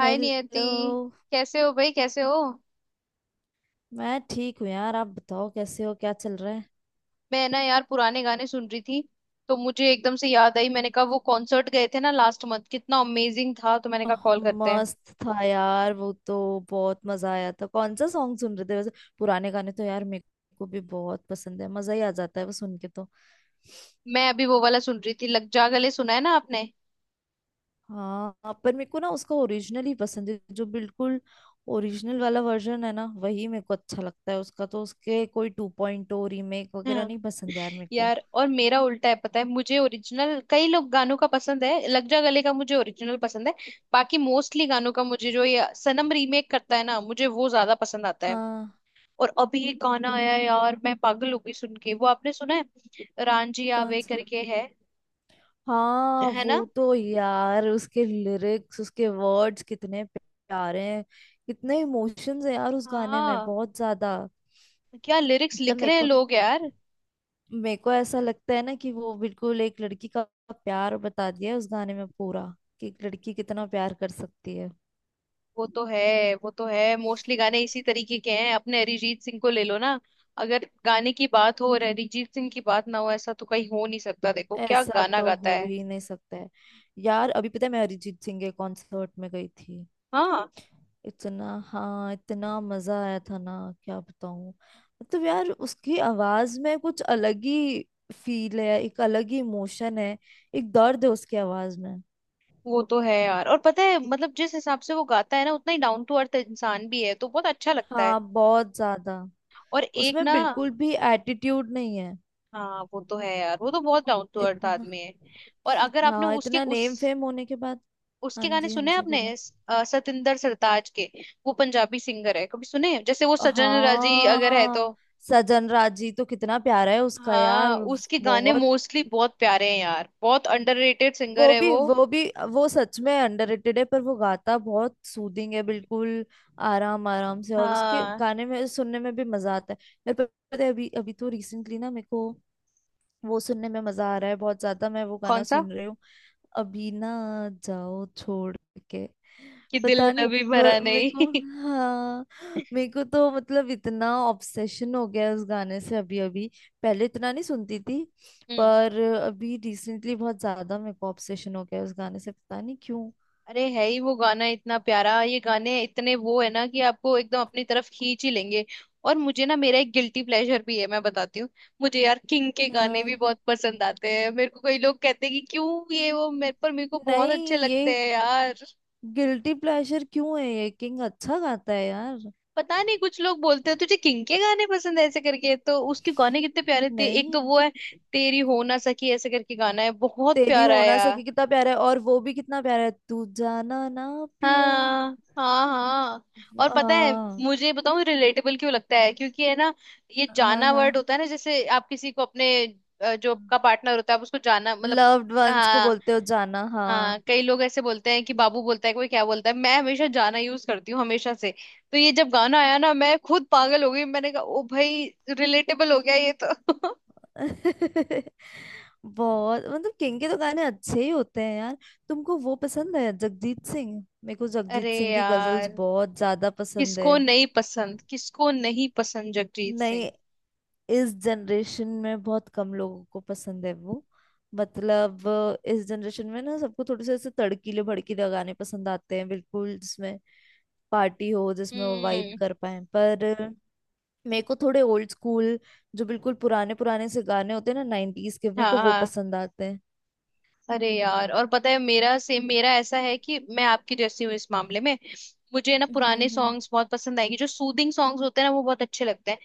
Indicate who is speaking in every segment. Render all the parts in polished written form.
Speaker 1: हाय Niyati,
Speaker 2: hello.
Speaker 1: कैसे हो भाई? कैसे हो?
Speaker 2: मैं ठीक हूँ यार, आप बताओ कैसे हो, क्या चल रहा है?
Speaker 1: मैं ना यार पुराने गाने सुन रही थी। तो मुझे एकदम से याद आई। मैंने कहा वो कॉन्सर्ट गए थे ना लास्ट मंथ, कितना अमेजिंग था। तो मैंने कहा कॉल करते हैं।
Speaker 2: मस्त था यार वो तो। बहुत मजा आया था। कौन सा सॉन्ग सुन रहे थे वैसे? पुराने गाने तो यार मेरे को भी बहुत पसंद है, मजा ही आ जाता है वो सुन के तो।
Speaker 1: मैं अभी वो वाला सुन रही थी, लग जा गले। सुना है ना आपने?
Speaker 2: हाँ, पर मेरे को ना उसका ओरिजिनल ही पसंद है, जो बिल्कुल ओरिजिनल वाला वर्जन है ना, वही मेरे को अच्छा लगता है उसका। तो उसके कोई टू पॉइंट रीमेक वगैरह
Speaker 1: हाँ
Speaker 2: नहीं पसंद यार मेरे को।
Speaker 1: यार, और मेरा उल्टा है। पता है, मुझे ओरिजिनल कई लोग गानों का पसंद है। लग जा गले का मुझे ओरिजिनल पसंद है। बाकी मोस्टली गानों का मुझे जो ये सनम रीमेक करता है ना, मुझे वो ज्यादा पसंद आता है।
Speaker 2: हाँ।
Speaker 1: और अभी ये गाना आया है यार, मैं पागल हो गई सुन के। वो आपने सुना है, रांझी
Speaker 2: कौन
Speaker 1: आवे
Speaker 2: सा?
Speaker 1: करके है?
Speaker 2: हाँ,
Speaker 1: है ना?
Speaker 2: वो तो यार उसके लिरिक्स, उसके वर्ड्स कितने प्यारे हैं। कितने इमोशंस है यार उस गाने में,
Speaker 1: हाँ।
Speaker 2: बहुत ज्यादा।
Speaker 1: क्या लिरिक्स
Speaker 2: मतलब
Speaker 1: लिख
Speaker 2: मेरे
Speaker 1: रहे हैं
Speaker 2: को
Speaker 1: लोग यार।
Speaker 2: मेरे को ऐसा लगता है ना कि वो बिल्कुल एक लड़की का प्यार बता दिया है उस गाने में पूरा, कि एक लड़की कितना प्यार कर सकती है।
Speaker 1: वो तो है, वो तो है। मोस्टली गाने इसी तरीके के हैं। अपने अरिजीत सिंह को ले लो ना। अगर गाने की बात हो और अरिजीत सिंह की बात ना हो, ऐसा तो कहीं हो नहीं सकता। देखो क्या
Speaker 2: ऐसा
Speaker 1: गाना
Speaker 2: तो
Speaker 1: गाता
Speaker 2: हो
Speaker 1: है।
Speaker 2: ही नहीं सकता है। यार अभी पता है मैं अरिजीत सिंह के कॉन्सर्ट में गई थी।
Speaker 1: हाँ
Speaker 2: इतना, हाँ, इतना मजा आया था ना, क्या बताऊं। मतलब यार उसकी आवाज में कुछ अलग ही फील है, एक अलग ही इमोशन है, एक दर्द है उसकी आवाज में।
Speaker 1: वो तो है यार। और पता है मतलब, जिस हिसाब से वो गाता है ना, उतना ही डाउन टू अर्थ इंसान भी है, तो बहुत अच्छा लगता है।
Speaker 2: हाँ, बहुत ज्यादा।
Speaker 1: और एक
Speaker 2: उसमें
Speaker 1: ना।
Speaker 2: बिल्कुल भी एटीट्यूड नहीं है।
Speaker 1: हाँ वो तो है यार, वो तो बहुत डाउन टू अर्थ
Speaker 2: इतना।
Speaker 1: आदमी है। और अगर आपने
Speaker 2: हाँ,
Speaker 1: उसके
Speaker 2: इतना नेम
Speaker 1: उस
Speaker 2: फेम होने के बाद। हाँ
Speaker 1: उसके गाने
Speaker 2: जी, हाँ
Speaker 1: सुने हैं
Speaker 2: जी
Speaker 1: आपने,
Speaker 2: बोलो।
Speaker 1: सतिंदर सरताज के। वो पंजाबी सिंगर है। कभी सुने हैं? जैसे वो सजन राजी अगर है तो।
Speaker 2: हाँ, सजन राजी तो कितना प्यारा है उसका यार।
Speaker 1: हाँ, उसके गाने
Speaker 2: बहुत।
Speaker 1: मोस्टली बहुत प्यारे हैं यार। बहुत अंडररेटेड सिंगर
Speaker 2: वो
Speaker 1: है
Speaker 2: भी
Speaker 1: वो।
Speaker 2: वो भी वो सच में अंडररेटेड है, पर वो गाता बहुत सूदिंग है, बिल्कुल आराम आराम से। और उसके
Speaker 1: हाँ।
Speaker 2: गाने में सुनने में भी मजा आता है मेरे को। पता है अभी अभी तो रिसेंटली ना मेरे को वो सुनने में मजा आ रहा है बहुत ज्यादा। मैं वो गाना
Speaker 1: कौन सा?
Speaker 2: सुन रही हूँ। अभी ना, जाओ छोड़ के।
Speaker 1: कि दिल
Speaker 2: पता नहीं।
Speaker 1: अभी भरा
Speaker 2: मेरे को,
Speaker 1: नहीं।
Speaker 2: हाँ, मेरे को तो मतलब इतना ऑब्सेशन हो गया है उस गाने से। अभी अभी पहले इतना नहीं सुनती थी,
Speaker 1: हम्म।
Speaker 2: पर अभी रिसेंटली बहुत ज्यादा मेरे को ऑब्सेशन हो गया है उस गाने से, पता नहीं क्यों।
Speaker 1: अरे है ही वो गाना इतना प्यारा। ये गाने इतने वो है ना कि आपको एकदम अपनी तरफ खींच ही लेंगे। और मुझे ना मेरा एक गिल्टी प्लेजर भी है, मैं बताती हूँ। मुझे यार किंग के गाने भी
Speaker 2: हाँ।
Speaker 1: बहुत पसंद आते हैं। मेरे को कई लोग कहते हैं कि क्यों ये वो, मेरे पर मेरे को बहुत अच्छे
Speaker 2: नहीं, ये
Speaker 1: लगते हैं यार।
Speaker 2: गिल्टी प्लेजर क्यों है? ये किंग अच्छा गाता है यार।
Speaker 1: पता नहीं कुछ लोग बोलते हैं तुझे किंग के गाने पसंद है ऐसे करके। तो उसके गाने कितने प्यारे थे। एक तो
Speaker 2: नहीं,
Speaker 1: वो है, तेरी हो ना सकी ऐसे करके गाना है, बहुत
Speaker 2: तेरी
Speaker 1: प्यारा
Speaker 2: हो
Speaker 1: है।
Speaker 2: ना सके कितना प्यारा है, और वो भी कितना प्यारा है तू जाना ना पिया।
Speaker 1: हाँ हाँ हाँ। और पता है,
Speaker 2: हाँ,
Speaker 1: मुझे बताऊँ रिलेटेबल क्यों लगता है? क्योंकि है ना, ये
Speaker 2: हाँ,
Speaker 1: जाना
Speaker 2: हाँ।
Speaker 1: वर्ड होता है ना। जैसे आप किसी को अपने जो आपका पार्टनर होता है, आप उसको जाना मतलब।
Speaker 2: लव्ड वंस को
Speaker 1: हाँ।
Speaker 2: बोलते हो जाना, हाँ।
Speaker 1: हाँ, कई लोग ऐसे बोलते हैं कि बाबू बोलता है, कोई क्या बोलता है। मैं हमेशा जाना यूज करती हूँ हमेशा से। तो ये जब गाना आया ना, मैं खुद पागल हो गई। मैंने कहा ओ भाई, रिलेटेबल हो गया ये तो।
Speaker 2: बहुत मतलब किंग के तो गाने अच्छे ही होते हैं यार। तुमको वो पसंद है जगजीत सिंह? मेरे को
Speaker 1: अरे
Speaker 2: जगजीत सिंह की गजल्स
Speaker 1: यार,
Speaker 2: बहुत ज्यादा पसंद
Speaker 1: किसको
Speaker 2: है।
Speaker 1: नहीं पसंद, किसको नहीं पसंद जगजीत सिंह।
Speaker 2: नहीं, इस जनरेशन में बहुत कम लोगों को पसंद है वो। मतलब इस जनरेशन में ना सबको थोड़े से ऐसे तड़कीले भड़कीले गाने पसंद आते हैं, बिल्कुल जिसमें पार्टी हो, जिसमें वो वाइब
Speaker 1: हम्म।
Speaker 2: कर पाए। पर मेरे को थोड़े ओल्ड स्कूल, जो बिल्कुल पुराने पुराने से गाने होते हैं ना, नाइनटीज के,
Speaker 1: हाँ
Speaker 2: मेरे को वो
Speaker 1: हाँ।
Speaker 2: पसंद आते हैं।
Speaker 1: अरे यार और पता है, मेरा सेम, मेरा ऐसा है कि मैं आपकी जैसी हूँ इस मामले में। मुझे ना पुराने
Speaker 2: हम्म।
Speaker 1: सॉन्ग्स बहुत पसंद आएंगे। जो सूदिंग सॉन्ग्स होते हैं ना वो बहुत अच्छे लगते हैं।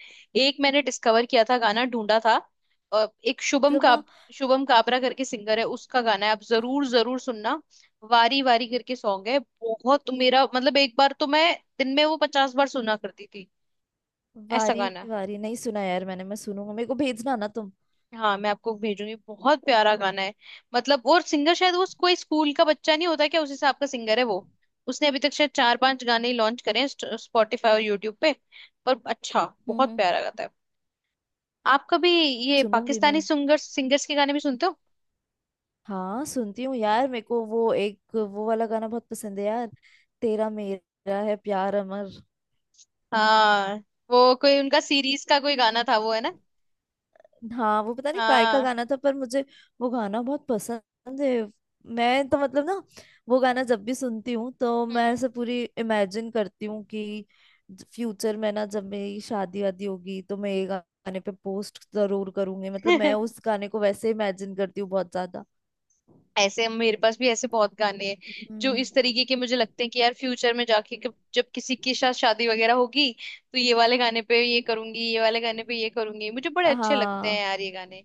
Speaker 1: एक मैंने डिस्कवर किया था, गाना ढूंढा था एक शुभम
Speaker 2: मतलब
Speaker 1: का।
Speaker 2: ना,
Speaker 1: शुभम काबरा करके सिंगर है, उसका गाना है, आप जरूर जरूर सुनना। वारी वारी करके सॉन्ग है। बहुत मेरा मतलब, एक बार तो मैं दिन में वो 50 बार सुना करती थी। ऐसा
Speaker 2: वारी
Speaker 1: गाना।
Speaker 2: वारी नहीं सुना यार, मैं सुनूंगा, मेरे को भेजना ना तुम।
Speaker 1: हाँ मैं आपको भेजूंगी, बहुत प्यारा गाना है। मतलब और सिंगर शायद वो कोई स्कूल का बच्चा नहीं होता क्या उस हिसाब का सिंगर है वो। उसने अभी तक शायद 4-5 गाने ही लॉन्च करे हैं स्पॉटिफाई और यूट्यूब पे। पर अच्छा,
Speaker 2: हम्म
Speaker 1: बहुत
Speaker 2: हम्म।
Speaker 1: प्यारा गाता है। आप कभी ये
Speaker 2: सुनूंगी मैं।
Speaker 1: पाकिस्तानी सिंगर्स के गाने भी सुनते हो?
Speaker 2: हाँ सुनती हूँ यार, मेरे को वो एक वो वाला गाना बहुत पसंद है यार, तेरा मेरा है प्यार अमर।
Speaker 1: हाँ वो कोई उनका सीरीज का कोई गाना था, वो है ना।
Speaker 2: हाँ वो पता नहीं काय का
Speaker 1: हाँ
Speaker 2: गाना था पर मुझे वो गाना बहुत पसंद है। मैं तो मतलब ना, वो गाना जब भी सुनती हूँ तो मैं
Speaker 1: हम्म।
Speaker 2: ऐसे पूरी इमेजिन करती हूँ कि फ्यूचर में ना जब मेरी शादी वादी होगी तो मैं ये गाने पे पोस्ट जरूर करूंगी, मतलब मैं उस गाने को वैसे इमेजिन करती हूँ बहुत ज्यादा।
Speaker 1: ऐसे मेरे पास भी ऐसे बहुत गाने हैं जो
Speaker 2: हम्म।
Speaker 1: इस तरीके के मुझे लगते हैं कि यार फ्यूचर में जाके जब किसी के साथ शादी वगैरह होगी, तो ये वाले गाने पे ये करूंगी, ये वाले गाने पे ये करूंगी। मुझे बड़े अच्छे लगते हैं
Speaker 2: हाँ
Speaker 1: यार ये गाने।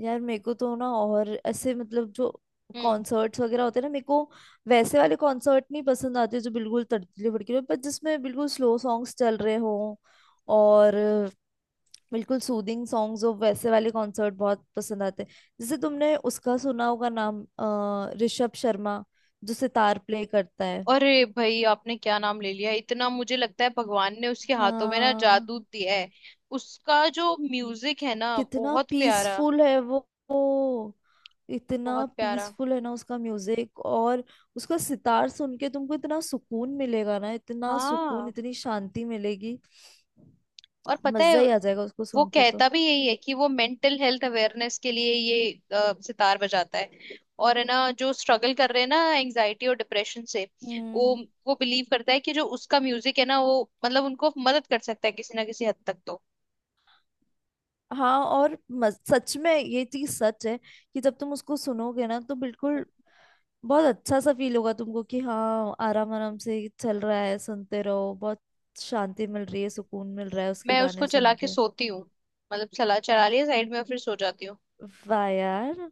Speaker 2: यार मेरे को तो ना, और ऐसे मतलब जो
Speaker 1: हम्म।
Speaker 2: कॉन्सर्ट्स वगैरह होते हैं ना, मेरे को वैसे वाले कॉन्सर्ट नहीं पसंद आते जो बिल्कुल तड़कले भड़कले हो, पर जिसमें बिल्कुल स्लो सॉन्ग्स चल रहे हों और बिल्कुल सूदिंग सॉन्ग्स हो, वैसे वाले कॉन्सर्ट बहुत पसंद आते हैं। जैसे तुमने उसका सुना होगा नाम, ऋषभ शर्मा, जो सितार प्ले करता है।
Speaker 1: अरे भाई आपने क्या नाम ले लिया, इतना मुझे लगता है भगवान ने उसके हाथों में ना
Speaker 2: हाँ,
Speaker 1: जादू दिया है। उसका जो म्यूजिक है ना
Speaker 2: कितना
Speaker 1: बहुत प्यारा।
Speaker 2: पीसफुल है वो। वो इतना
Speaker 1: बहुत प्यारा।
Speaker 2: पीसफुल है ना उसका म्यूजिक। और उसका सितार सुन के तुमको इतना सुकून मिलेगा ना, इतना सुकून,
Speaker 1: हाँ
Speaker 2: इतनी शांति मिलेगी।
Speaker 1: और पता है,
Speaker 2: मजा ही आ जाएगा उसको
Speaker 1: वो
Speaker 2: सुन के तो।
Speaker 1: कहता भी यही है कि वो मेंटल हेल्थ अवेयरनेस के लिए ये सितार बजाता है। और है ना जो स्ट्रगल कर रहे हैं ना एंजाइटी और डिप्रेशन से, वो
Speaker 2: हम्म।
Speaker 1: वो बिलीव करता है कि जो उसका म्यूजिक है ना, वो मतलब उनको मदद कर सकता है किसी ना किसी हद तक तो।
Speaker 2: हाँ और सच में ये चीज सच है कि जब तुम उसको सुनोगे ना तो बिल्कुल बहुत अच्छा सा फील होगा तुमको कि हाँ, आराम आराम से चल रहा है, सुनते रहो। बहुत शांति मिल रही है, सुकून मिल रहा है उसके
Speaker 1: मैं उसको
Speaker 2: गाने
Speaker 1: चला
Speaker 2: सुन
Speaker 1: के
Speaker 2: के।
Speaker 1: सोती हूँ, मतलब चला चला लिया साइड में और फिर सो जाती हूँ।
Speaker 2: वाह यार।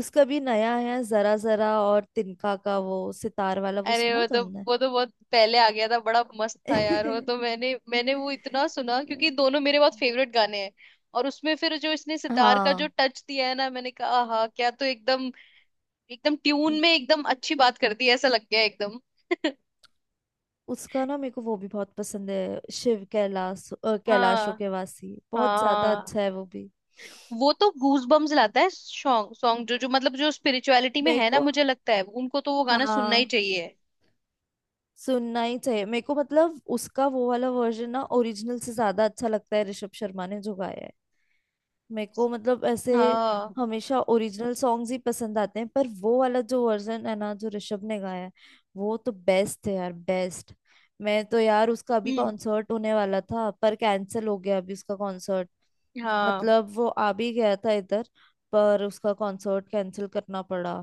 Speaker 2: उसका भी नया है जरा जरा और तिनका का वो सितार वाला, वो
Speaker 1: अरे
Speaker 2: सुना
Speaker 1: वो तो
Speaker 2: तुमने?
Speaker 1: वो तो बहुत पहले आ गया था। बड़ा मस्त था यार वो तो। मैंने मैंने वो इतना सुना क्योंकि दोनों मेरे बहुत फेवरेट गाने हैं। और उसमें फिर जो इसने सितार का जो
Speaker 2: हाँ।
Speaker 1: टच दिया है ना, मैंने कहा हाँ क्या! तो एकदम एकदम
Speaker 2: उ-
Speaker 1: ट्यून में, एकदम अच्छी बात करती है ऐसा लग गया एकदम।
Speaker 2: उसका ना मेरे को वो भी बहुत पसंद है, शिव कैलाश, कैलाशो
Speaker 1: हाँ।
Speaker 2: के वासी, बहुत ज्यादा
Speaker 1: हाँ
Speaker 2: अच्छा है वो भी।
Speaker 1: वो तो गूज बम्स लाता है सॉन्ग। सॉन्ग जो जो मतलब जो स्पिरिचुअलिटी में
Speaker 2: मेरे
Speaker 1: है ना,
Speaker 2: को,
Speaker 1: मुझे लगता है उनको तो वो गाना सुनना ही
Speaker 2: हाँ,
Speaker 1: चाहिए।
Speaker 2: सुनना ही चाहिए मेरे को। मतलब उसका वो वाला वर्जन ना ओरिजिनल से ज्यादा अच्छा लगता है, ऋषभ शर्मा ने जो गाया है। मेरे को मतलब ऐसे
Speaker 1: हाँ।
Speaker 2: हमेशा ओरिजिनल सॉन्ग्स ही पसंद आते हैं, पर वो वाला जो वर्जन है ना, जो ऋषभ ने गाया है, वो तो बेस्ट है यार, बेस्ट। मैं तो यार उसका अभी
Speaker 1: हम्म।
Speaker 2: कॉन्सर्ट होने वाला था, पर कैंसिल हो गया अभी उसका कॉन्सर्ट।
Speaker 1: हाँ।
Speaker 2: मतलब वो आ भी गया था इधर, पर उसका कॉन्सर्ट कैंसिल करना पड़ा।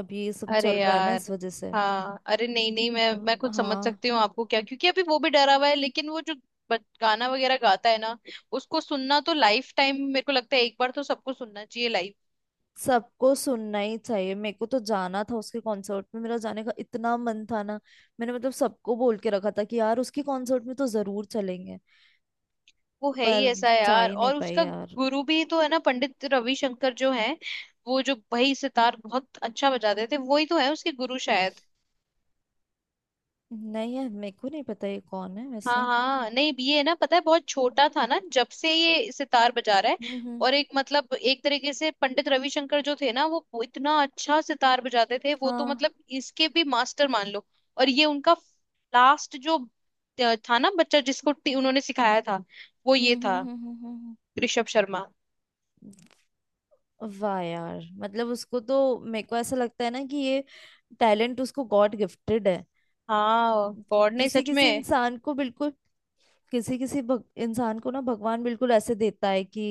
Speaker 2: अभी ये सब
Speaker 1: अरे
Speaker 2: चल रहा है ना,
Speaker 1: यार।
Speaker 2: इस वजह से।
Speaker 1: हाँ अरे नहीं नहीं, मैं
Speaker 2: अ,
Speaker 1: मैं कुछ समझ
Speaker 2: हाँ,
Speaker 1: सकती हूँ आपको क्या, क्योंकि अभी वो भी डरा हुआ है। लेकिन वो जो गाना वगैरह गाता है ना, उसको सुनना तो लाइफ टाइम मेरे को लगता है एक बार तो सबको सुनना चाहिए लाइव।
Speaker 2: सबको सुनना ही चाहिए। मेरे को तो जाना था उसके कॉन्सर्ट में, मेरा जाने का इतना मन था ना। मैंने मतलब सबको बोल के रखा था कि यार उसके कॉन्सर्ट में तो जरूर चलेंगे,
Speaker 1: वो है ही
Speaker 2: पर
Speaker 1: ऐसा
Speaker 2: जा
Speaker 1: यार।
Speaker 2: ही नहीं
Speaker 1: और
Speaker 2: पाई
Speaker 1: उसका
Speaker 2: यार।
Speaker 1: गुरु भी तो है ना, पंडित रविशंकर जो है। वो जो भाई सितार बहुत अच्छा बजाते थे, वही तो है उसके गुरु शायद।
Speaker 2: नहीं है, मेरे को नहीं पता ये कौन है
Speaker 1: हाँ
Speaker 2: वैसे।
Speaker 1: हाँ नहीं ये है ना, पता है बहुत
Speaker 2: हम्म
Speaker 1: छोटा था ना जब से ये सितार बजा रहा है।
Speaker 2: हम्म।
Speaker 1: और एक मतलब, एक तरीके से पंडित रविशंकर जो थे ना, वो इतना अच्छा सितार बजाते थे। वो तो
Speaker 2: हाँ।
Speaker 1: मतलब इसके भी मास्टर मान लो। और ये उनका लास्ट जो था ना बच्चा, जिसको उन्होंने सिखाया था, वो
Speaker 2: हम्म
Speaker 1: ये
Speaker 2: हम्म
Speaker 1: था,
Speaker 2: हम्म हम्म हम्म,
Speaker 1: ऋषभ शर्मा।
Speaker 2: वाह यार, मतलब उसको तो मेरे को ऐसा लगता है ना कि ये टैलेंट उसको गॉड गिफ्टेड है।
Speaker 1: हाँ गॉड नहीं,
Speaker 2: किसी
Speaker 1: सच
Speaker 2: किसी
Speaker 1: में।
Speaker 2: इंसान को बिल्कुल, किसी किसी इंसान को ना भगवान बिल्कुल ऐसे देता है कि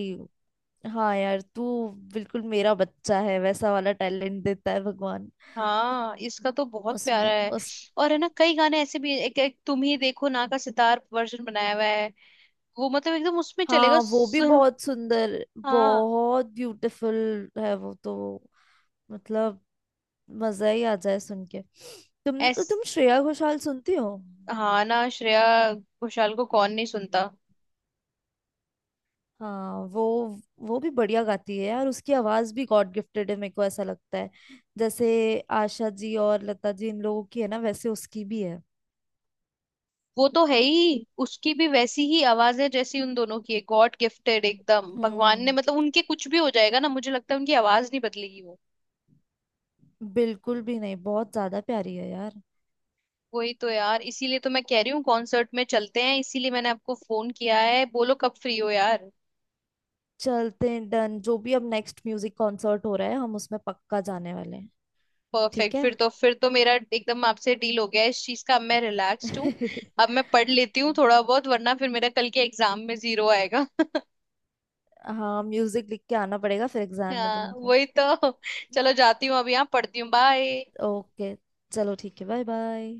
Speaker 2: हाँ यार तू बिल्कुल मेरा बच्चा है, वैसा वाला टैलेंट देता है भगवान।
Speaker 1: हाँ, इसका तो बहुत प्यारा
Speaker 2: उसमें
Speaker 1: है।
Speaker 2: उस
Speaker 1: और है ना, कई गाने ऐसे भी, एक तुम ही देखो ना का सितार वर्जन बनाया हुआ है। वो मतलब एकदम उसमें चलेगा।
Speaker 2: हाँ, वो भी बहुत सुंदर,
Speaker 1: हाँ।
Speaker 2: बहुत ब्यूटीफुल है वो तो। मतलब मजा ही आ जाए सुन के। तुम
Speaker 1: एस।
Speaker 2: तुम श्रेया घोषाल सुनती हो?
Speaker 1: हाँ ना, श्रेया घोषाल को कौन नहीं सुनता।
Speaker 2: हाँ, वो भी बढ़िया गाती है यार, उसकी आवाज भी गॉड गिफ्टेड है मेरे को ऐसा लगता है। जैसे आशा जी और लता जी इन लोगों की है ना, वैसे उसकी भी है।
Speaker 1: वो तो है ही, उसकी भी वैसी ही आवाज है जैसी उन दोनों की है। गॉड गिफ्टेड एकदम, भगवान ने
Speaker 2: हम्म,
Speaker 1: मतलब, उनके कुछ भी हो जाएगा ना, मुझे लगता है उनकी आवाज नहीं बदलेगी वो।
Speaker 2: बिल्कुल भी नहीं, बहुत ज्यादा प्यारी है यार।
Speaker 1: वही तो यार, इसीलिए तो मैं कह रही हूँ कॉन्सर्ट में चलते हैं। इसीलिए मैंने आपको फोन किया है, बोलो कब फ्री हो यार।
Speaker 2: चलते हैं डन, जो भी अब नेक्स्ट म्यूजिक कॉन्सर्ट हो रहा है हम उसमें पक्का जाने वाले हैं। ठीक
Speaker 1: परफेक्ट,
Speaker 2: है।
Speaker 1: फिर तो मेरा एकदम आपसे डील हो गया है इस चीज का। अब मैं रिलैक्स्ड हूँ। अब मैं पढ़ लेती हूँ थोड़ा बहुत, वरना फिर मेरा कल के एग्जाम में 0 आएगा।
Speaker 2: हाँ, म्यूजिक लिख के आना पड़ेगा फिर एग्जाम में
Speaker 1: हाँ
Speaker 2: तुमको।
Speaker 1: वही तो। चलो जाती हूँ अभी, यहाँ पढ़ती हूँ। बाय।
Speaker 2: ओके, चलो ठीक है, बाय बाय।